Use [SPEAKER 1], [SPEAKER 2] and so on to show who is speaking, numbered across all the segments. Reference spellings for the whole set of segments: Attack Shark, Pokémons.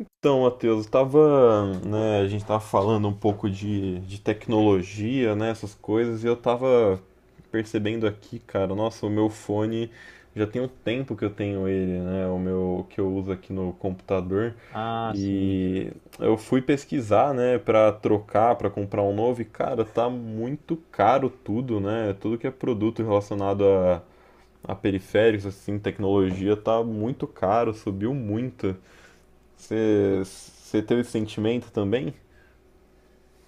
[SPEAKER 1] Então, Matheus, tava, né, a gente tava falando um pouco de tecnologia, né, essas coisas, e eu tava percebendo aqui, cara, nossa, o meu fone já tem um tempo que eu tenho ele, né, o meu que eu uso aqui no computador,
[SPEAKER 2] Ah, sim.
[SPEAKER 1] e eu fui pesquisar, né, para trocar, para comprar um novo, e cara, tá muito caro tudo, né? Tudo que é produto relacionado a periféricos, assim, tecnologia, tá muito caro, subiu muito. Você
[SPEAKER 2] Putz.
[SPEAKER 1] você teve esse sentimento também?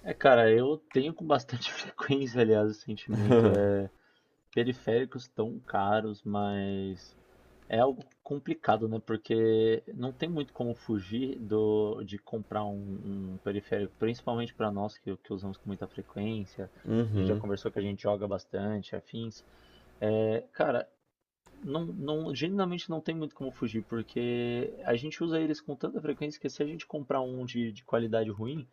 [SPEAKER 2] É, cara, eu tenho com bastante frequência, aliás, o sentimento. É, periféricos tão caros, mas é algo complicado, né? Porque não tem muito como fugir de comprar um periférico, principalmente para nós que usamos com muita frequência. A gente já
[SPEAKER 1] Uhum.
[SPEAKER 2] conversou que a gente joga bastante, afins. É, cara, não, não, genuinamente não tem muito como fugir, porque a gente usa eles com tanta frequência que se a gente comprar um de qualidade ruim,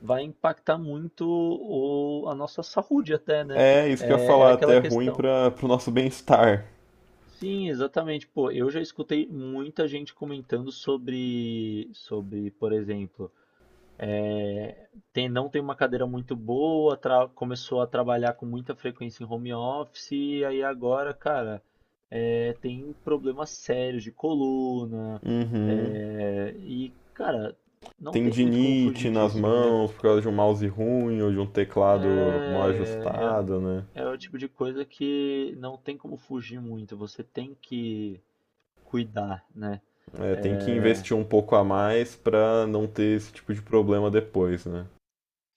[SPEAKER 2] vai impactar muito a nossa saúde até, né?
[SPEAKER 1] É, isso que eu ia
[SPEAKER 2] É, é
[SPEAKER 1] falar, até
[SPEAKER 2] aquela
[SPEAKER 1] é ruim
[SPEAKER 2] questão.
[SPEAKER 1] para pro nosso bem-estar.
[SPEAKER 2] Sim, exatamente. Pô, eu já escutei muita gente comentando sobre, por exemplo, tem, não tem uma cadeira muito boa, começou a trabalhar com muita frequência em home office, e aí agora, cara, é, tem problemas sérios de coluna,
[SPEAKER 1] Uhum.
[SPEAKER 2] é, e, cara, não tem muito como
[SPEAKER 1] Tendinite
[SPEAKER 2] fugir
[SPEAKER 1] nas
[SPEAKER 2] disso, né?
[SPEAKER 1] mãos por causa de um mouse ruim ou de um teclado mal
[SPEAKER 2] É,
[SPEAKER 1] ajustado, né?
[SPEAKER 2] é, é o tipo de coisa que não tem como fugir muito, você tem que cuidar, né?
[SPEAKER 1] É, tem que
[SPEAKER 2] É,
[SPEAKER 1] investir um pouco a mais para não ter esse tipo de problema depois, né?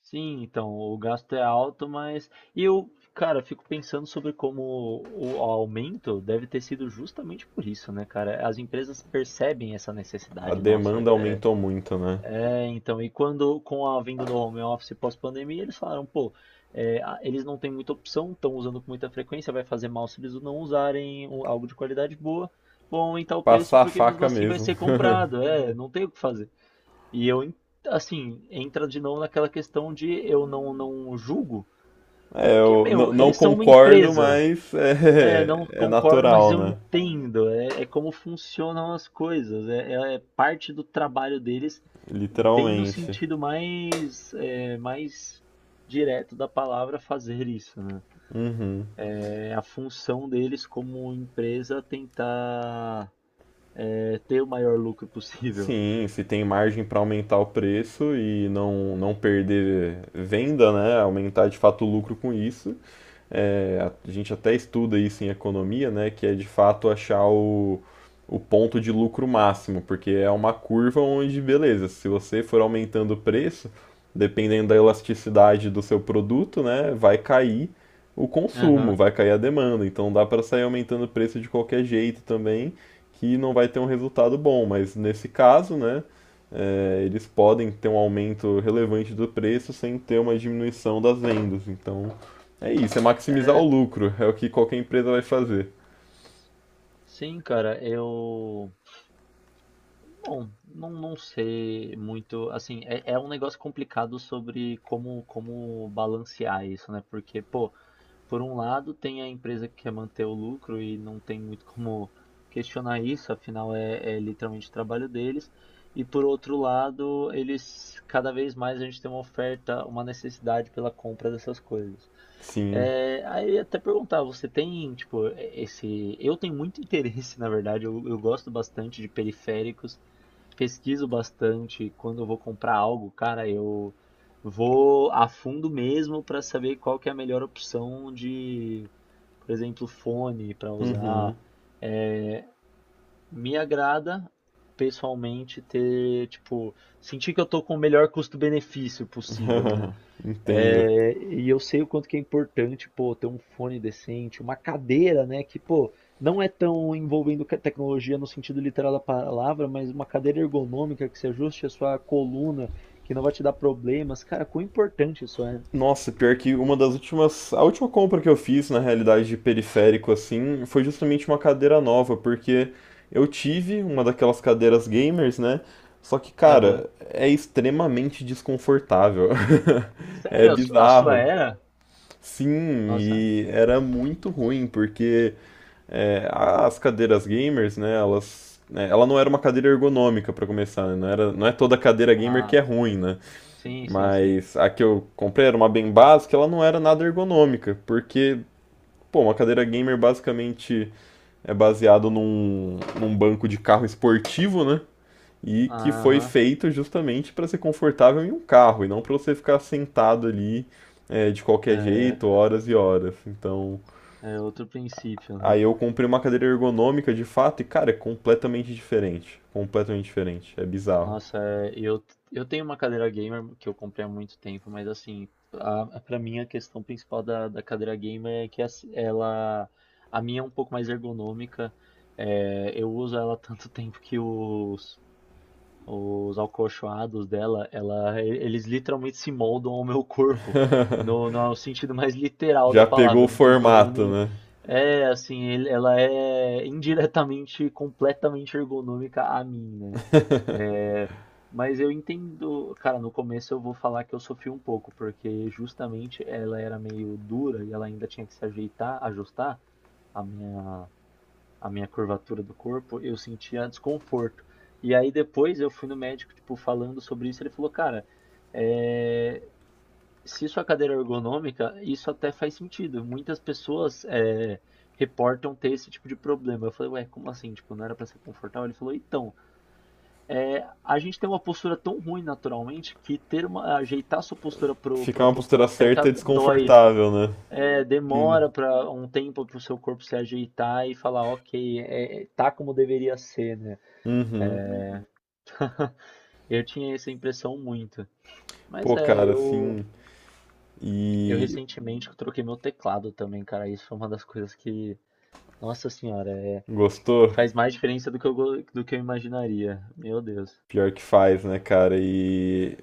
[SPEAKER 2] Sim, então, o gasto é alto, mas e eu, cara, fico pensando sobre como o aumento deve ter sido justamente por isso, né, cara? As empresas percebem essa
[SPEAKER 1] A
[SPEAKER 2] necessidade nossa.
[SPEAKER 1] demanda
[SPEAKER 2] É,
[SPEAKER 1] aumentou muito, né?
[SPEAKER 2] é, então, e quando com a vinda do home office pós-pandemia, eles falaram, pô, é, eles não têm muita opção, estão usando com muita frequência, vai fazer mal se eles não usarem algo de qualidade boa. Vão aumentar o preço
[SPEAKER 1] Passar a
[SPEAKER 2] porque mesmo
[SPEAKER 1] faca
[SPEAKER 2] assim vai
[SPEAKER 1] mesmo.
[SPEAKER 2] ser comprado. É, não tem o que fazer. E eu, assim, entra de novo naquela questão de eu não julgo,
[SPEAKER 1] É,
[SPEAKER 2] porque,
[SPEAKER 1] eu
[SPEAKER 2] meu,
[SPEAKER 1] não
[SPEAKER 2] eles são uma
[SPEAKER 1] concordo,
[SPEAKER 2] empresa.
[SPEAKER 1] mas
[SPEAKER 2] É, não
[SPEAKER 1] é, é
[SPEAKER 2] concordo, mas
[SPEAKER 1] natural,
[SPEAKER 2] eu
[SPEAKER 1] né?
[SPEAKER 2] entendo. É, é como funcionam as coisas. É parte do trabalho deles, bem no
[SPEAKER 1] Literalmente.
[SPEAKER 2] sentido mais, é, mais direto da palavra fazer isso, né?
[SPEAKER 1] Uhum.
[SPEAKER 2] É a função deles como empresa tentar é, ter o maior lucro possível.
[SPEAKER 1] Sim, se tem margem para aumentar o preço e não perder venda, né? Aumentar de fato o lucro com isso, é, a gente até estuda isso em economia, né, que é de fato achar o ponto de lucro máximo, porque é uma curva onde, beleza, se você for aumentando o preço, dependendo da elasticidade do seu produto, né, vai cair o
[SPEAKER 2] Aham.
[SPEAKER 1] consumo, vai cair a demanda. Então dá para sair aumentando o preço de qualquer jeito também, que não vai ter um resultado bom. Mas nesse caso, né, é, eles podem ter um aumento relevante do preço sem ter uma diminuição das vendas. Então é isso, é maximizar o
[SPEAKER 2] É,
[SPEAKER 1] lucro. É o que qualquer empresa vai fazer.
[SPEAKER 2] sim, cara, eu bom, não sei muito, assim, é, é um negócio complicado sobre como, como balancear isso, né? Porque, pô, por um lado tem a empresa que quer manter o lucro e não tem muito como questionar isso, afinal é, é literalmente o trabalho deles. E por outro lado, eles, cada vez mais a gente tem uma oferta, uma necessidade pela compra dessas coisas.
[SPEAKER 1] Sim.
[SPEAKER 2] É, aí eu ia até perguntar, você tem, tipo, esse... Eu tenho muito interesse, na verdade, eu gosto bastante de periféricos, pesquiso bastante quando eu vou comprar algo, cara, eu vou a fundo mesmo para saber qual que é a melhor opção de, por exemplo, fone para
[SPEAKER 1] Uhum,
[SPEAKER 2] usar. É, me agrada pessoalmente ter, tipo, sentir que eu tô com o melhor custo-benefício possível, né?
[SPEAKER 1] entendo.
[SPEAKER 2] É, e eu sei o quanto que é importante, pô, ter um fone decente, uma cadeira, né, que, pô, não é tão envolvendo tecnologia no sentido literal da palavra, mas uma cadeira ergonômica que se ajuste à sua coluna, que não vai te dar problemas. Cara, quão importante isso é.
[SPEAKER 1] Nossa, pior que uma das últimas. A última compra que eu fiz, na realidade, de periférico, assim, foi justamente uma cadeira nova, porque eu tive uma daquelas cadeiras gamers, né? Só que,
[SPEAKER 2] Aham.
[SPEAKER 1] cara, é extremamente desconfortável. É
[SPEAKER 2] Sério, a sua
[SPEAKER 1] bizarro.
[SPEAKER 2] era?
[SPEAKER 1] Sim,
[SPEAKER 2] Nossa.
[SPEAKER 1] e era muito ruim, porque é, as cadeiras gamers, né, elas, né, ela não era uma cadeira ergonômica para começar, né, não era, não é toda cadeira gamer que
[SPEAKER 2] Ah,
[SPEAKER 1] é ruim, né?
[SPEAKER 2] sim, sim, sim.
[SPEAKER 1] Mas a que eu comprei era uma bem básica, ela não era nada ergonômica, porque pô, uma cadeira gamer basicamente é baseado num banco de carro esportivo, né? E que foi
[SPEAKER 2] Aham.
[SPEAKER 1] feito justamente para ser confortável em um carro e não para você ficar sentado ali é, de qualquer jeito,
[SPEAKER 2] É,
[SPEAKER 1] horas e horas. Então,
[SPEAKER 2] é outro princípio, né?
[SPEAKER 1] aí eu comprei uma cadeira ergonômica de fato e, cara, é completamente diferente. Completamente diferente. É bizarro.
[SPEAKER 2] Nossa, é, eu tenho uma cadeira gamer que eu comprei há muito tempo, mas assim, pra mim a questão principal da cadeira gamer é que ela, a minha é um pouco mais ergonômica, é, eu uso ela há tanto tempo que os acolchoados dela, ela, eles literalmente se moldam ao meu corpo, no sentido mais literal da
[SPEAKER 1] Já pegou
[SPEAKER 2] palavra,
[SPEAKER 1] o
[SPEAKER 2] eu não tenho problema
[SPEAKER 1] formato,
[SPEAKER 2] nenhum.
[SPEAKER 1] né?
[SPEAKER 2] É, assim, ela é indiretamente, completamente ergonômica a mim, né? É, mas eu entendo, cara, no começo eu vou falar que eu sofri um pouco, porque justamente ela era meio dura e ela ainda tinha que se ajeitar, ajustar a minha, a minha curvatura do corpo, eu sentia desconforto. E aí depois eu fui no médico, tipo, falando sobre isso, ele falou, cara, é, se sua cadeira é ergonômica, isso até faz sentido. Muitas pessoas é, reportam ter esse tipo de problema. Eu falei, ué, como assim? Tipo, não era pra ser confortável? Ele falou, então. É, a gente tem uma postura tão ruim naturalmente que ter uma, ajeitar sua postura para
[SPEAKER 1] Ficar
[SPEAKER 2] a
[SPEAKER 1] uma postura
[SPEAKER 2] postura
[SPEAKER 1] certa
[SPEAKER 2] certa
[SPEAKER 1] é
[SPEAKER 2] dói.
[SPEAKER 1] desconfortável, né?
[SPEAKER 2] É,
[SPEAKER 1] Sim.
[SPEAKER 2] demora para um tempo para o seu corpo se ajeitar e falar, ok, é, tá como deveria ser, né?
[SPEAKER 1] Uhum.
[SPEAKER 2] Eu tinha essa impressão muito. Mas
[SPEAKER 1] Pô,
[SPEAKER 2] é,
[SPEAKER 1] cara, assim.
[SPEAKER 2] eu
[SPEAKER 1] E
[SPEAKER 2] recentemente troquei meu teclado também, cara. Isso foi uma das coisas que, nossa senhora, é,
[SPEAKER 1] gostou?
[SPEAKER 2] faz mais diferença do que eu, do que eu imaginaria. Meu Deus.
[SPEAKER 1] Pior que faz, né, cara? E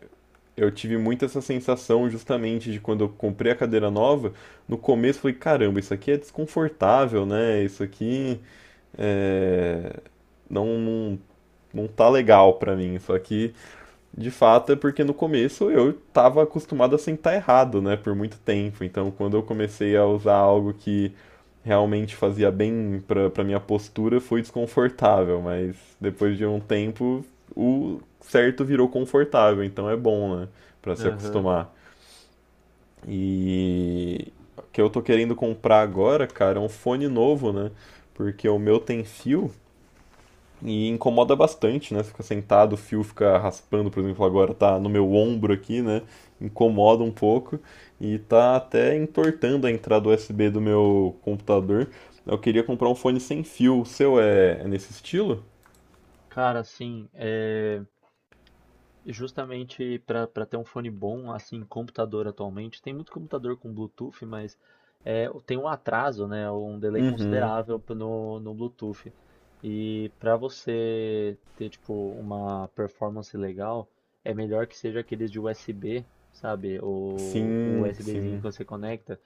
[SPEAKER 1] eu tive muito essa sensação justamente de quando eu comprei a cadeira nova. No começo eu falei, caramba, isso aqui é desconfortável, né? Isso aqui é. Não, não não, tá legal pra mim. Só que, de fato, é porque no começo eu tava acostumado a sentar errado, né, por muito tempo. Então, quando eu comecei a usar algo que realmente fazia bem pra minha postura, foi desconfortável. Mas depois de um tempo, o certo virou confortável. Então é bom, né, pra se
[SPEAKER 2] Aham.
[SPEAKER 1] acostumar. E o que eu tô querendo comprar agora, cara, é um fone novo, né? Porque o meu tem fio e incomoda bastante, né? Você fica sentado, o fio fica raspando, por exemplo, agora tá no meu ombro aqui, né? Incomoda um pouco e tá até entortando a entrada USB do meu computador. Eu queria comprar um fone sem fio. O seu é, é nesse estilo?
[SPEAKER 2] Cara, assim, é. E justamente para ter um fone bom, assim, computador atualmente, tem muito computador com Bluetooth, mas é, tem um atraso, né, um delay
[SPEAKER 1] Uhum.
[SPEAKER 2] considerável no Bluetooth. E para você ter, tipo, uma performance legal, é melhor que seja aqueles de USB, sabe? O
[SPEAKER 1] Sim,
[SPEAKER 2] USBzinho
[SPEAKER 1] sim.
[SPEAKER 2] que você conecta.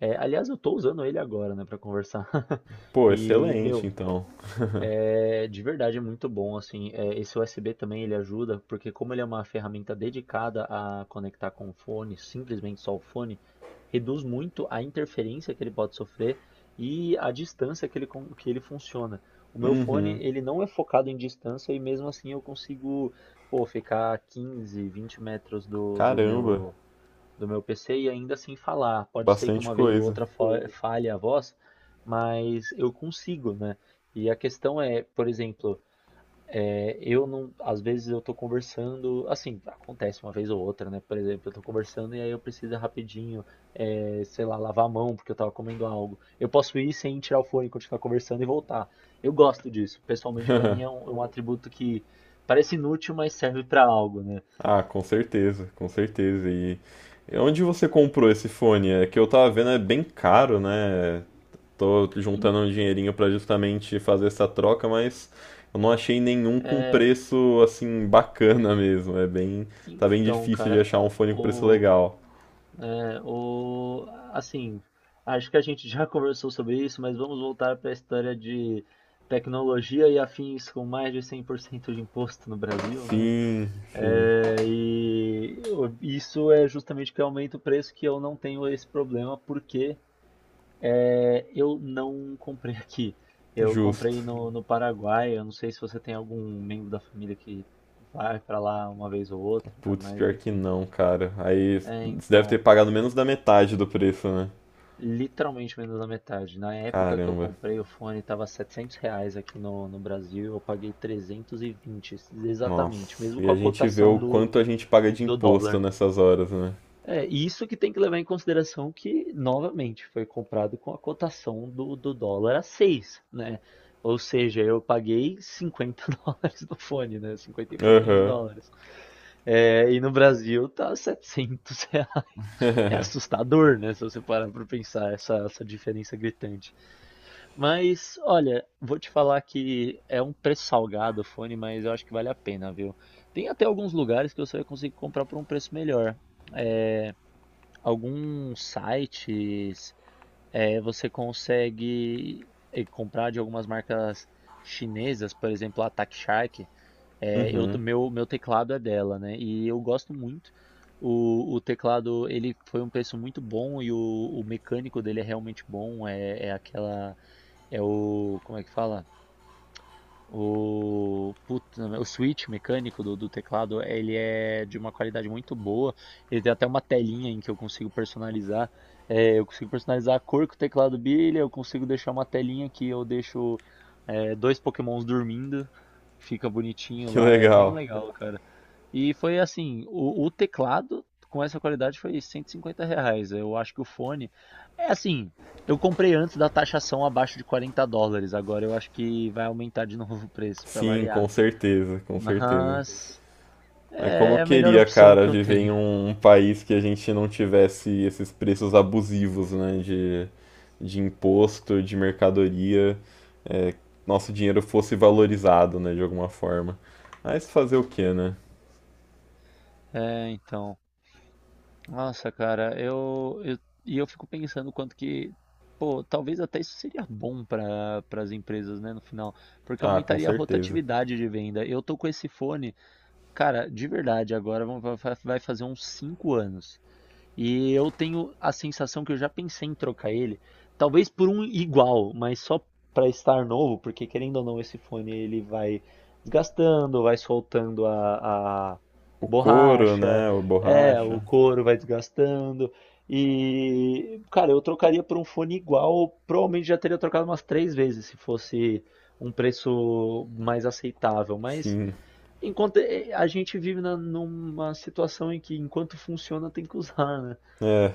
[SPEAKER 2] É, aliás, eu tô usando ele agora, né, para conversar.
[SPEAKER 1] Pô,
[SPEAKER 2] E,
[SPEAKER 1] excelente,
[SPEAKER 2] meu,
[SPEAKER 1] então.
[SPEAKER 2] é, de verdade é muito bom, assim, é, esse USB também ele ajuda, porque como ele é uma ferramenta dedicada a conectar com o fone, simplesmente só o fone, reduz muito a interferência que ele pode sofrer e a distância que ele, que ele funciona. O meu fone,
[SPEAKER 1] Uhum.
[SPEAKER 2] ele não é focado em distância e mesmo assim eu consigo, pô, ficar 15 20 metros
[SPEAKER 1] Caramba,
[SPEAKER 2] do meu PC e ainda assim falar. Pode ser que
[SPEAKER 1] bastante
[SPEAKER 2] uma vez ou
[SPEAKER 1] coisa.
[SPEAKER 2] outra falhe a voz, mas eu consigo, né? E a questão é, por exemplo, é, eu não, às vezes eu tô conversando, assim, acontece uma vez ou outra, né? Por exemplo, eu tô conversando e aí eu preciso rapidinho, é, sei lá, lavar a mão porque eu tava comendo algo. Eu posso ir sem tirar o fone, continuar conversando e voltar. Eu gosto disso. Pessoalmente, pra mim é um atributo que parece inútil, mas serve pra algo, né?
[SPEAKER 1] Ah, com certeza, com certeza. E onde você comprou esse fone? É que eu tava vendo, é bem caro, né? Tô juntando um dinheirinho pra justamente fazer essa troca, mas eu não achei nenhum com
[SPEAKER 2] É,
[SPEAKER 1] preço assim bacana mesmo. É bem, tá bem
[SPEAKER 2] então,
[SPEAKER 1] difícil de
[SPEAKER 2] cara,
[SPEAKER 1] achar um fone com preço
[SPEAKER 2] o,
[SPEAKER 1] legal.
[SPEAKER 2] O, assim, acho que a gente já conversou sobre isso, mas vamos voltar para a história de tecnologia e afins com mais de 100% de imposto no Brasil, né?
[SPEAKER 1] Sim, sim,
[SPEAKER 2] É, e isso é justamente o que aumenta o preço que eu não tenho esse problema porque é, eu não comprei aqui. Eu
[SPEAKER 1] justo.
[SPEAKER 2] comprei no Paraguai. Eu não sei se você tem algum membro da família que vai para lá uma vez ou outra,
[SPEAKER 1] Putz,
[SPEAKER 2] mas
[SPEAKER 1] pior que
[SPEAKER 2] enfim.
[SPEAKER 1] não, cara. Aí
[SPEAKER 2] É,
[SPEAKER 1] você deve ter
[SPEAKER 2] então.
[SPEAKER 1] pagado menos da metade do preço, né?
[SPEAKER 2] Literalmente menos da metade. Na época que eu
[SPEAKER 1] Caramba.
[SPEAKER 2] comprei o fone, estava R$ 700 aqui no Brasil. Eu paguei 320, exatamente,
[SPEAKER 1] Nossa.
[SPEAKER 2] mesmo
[SPEAKER 1] E
[SPEAKER 2] com
[SPEAKER 1] a
[SPEAKER 2] a
[SPEAKER 1] gente vê
[SPEAKER 2] cotação
[SPEAKER 1] o quanto a gente paga de
[SPEAKER 2] do
[SPEAKER 1] imposto
[SPEAKER 2] dólar.
[SPEAKER 1] nessas horas, né?
[SPEAKER 2] É, e isso que tem que levar em consideração que, novamente, foi comprado com a cotação do dólar a 6, né? Ou seja, eu paguei 50 dólares no fone, né? 50 e pouquinhos
[SPEAKER 1] Aham.
[SPEAKER 2] dólares. É, e no Brasil tá R$ 700. É assustador, né? Se você parar para pensar essa, essa diferença gritante. Mas olha, vou te falar que é um preço salgado o fone, mas eu acho que vale a pena, viu? Tem até alguns lugares que você vai conseguir comprar por um preço melhor. É, alguns sites, é, você consegue eh, comprar de algumas marcas chinesas, por exemplo, a Attack Shark. É, eu, meu teclado é dela, né? E eu gosto muito. O teclado, ele foi um preço muito bom e o mecânico dele é realmente bom. É, é aquela é o, como é que fala? O, puta, o switch mecânico do teclado, ele é de uma qualidade muito boa. Ele tem até uma telinha em que eu consigo personalizar. É, eu consigo personalizar a cor que o teclado brilha, eu consigo deixar uma telinha que eu deixo é, dois Pokémons dormindo. Fica bonitinho
[SPEAKER 1] Que
[SPEAKER 2] lá, é bem
[SPEAKER 1] legal.
[SPEAKER 2] legal, cara. E foi assim, o teclado com essa qualidade foi R$ 150. Eu acho que o fone é assim, eu comprei antes da taxação abaixo de US$ 40. Agora eu acho que vai aumentar de novo o preço para
[SPEAKER 1] Sim, com
[SPEAKER 2] variar.
[SPEAKER 1] certeza, com certeza.
[SPEAKER 2] Mas
[SPEAKER 1] Mas como eu
[SPEAKER 2] é a melhor
[SPEAKER 1] queria,
[SPEAKER 2] opção
[SPEAKER 1] cara,
[SPEAKER 2] que eu
[SPEAKER 1] viver em
[SPEAKER 2] tenho.
[SPEAKER 1] um, um país que a gente não tivesse esses preços abusivos, né, de imposto, de mercadoria, é, nosso dinheiro fosse valorizado, né, de alguma forma. Mas fazer o quê, né?
[SPEAKER 2] É, então. Nossa, cara, eu e eu fico pensando quanto que, pô, talvez até isso seria bom para as empresas, né, no final, porque
[SPEAKER 1] Ah, com
[SPEAKER 2] aumentaria a
[SPEAKER 1] certeza.
[SPEAKER 2] rotatividade de venda. Eu tô com esse fone, cara, de verdade, agora vai fazer uns 5 anos. E eu tenho a sensação que eu já pensei em trocar ele, talvez por um igual, mas só para estar novo, porque querendo ou não, esse fone ele vai desgastando, vai soltando a
[SPEAKER 1] O couro,
[SPEAKER 2] borracha,
[SPEAKER 1] né, o
[SPEAKER 2] é,
[SPEAKER 1] borracha,
[SPEAKER 2] o couro vai desgastando. E, cara, eu trocaria por um fone igual, provavelmente já teria trocado umas 3 vezes se fosse um preço mais aceitável, mas
[SPEAKER 1] sim.
[SPEAKER 2] enquanto eh, a gente vive numa situação em que enquanto funciona tem que usar, né?
[SPEAKER 1] É,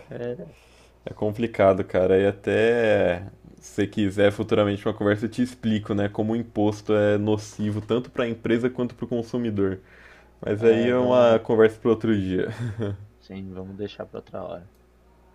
[SPEAKER 1] é complicado, cara. E até se você quiser futuramente uma conversa eu te explico, né, como o imposto é nocivo tanto para a empresa quanto para o consumidor. Mas aí
[SPEAKER 2] É,
[SPEAKER 1] é uma
[SPEAKER 2] vamos,
[SPEAKER 1] conversa para outro dia.
[SPEAKER 2] sim, vamos deixar para outra hora.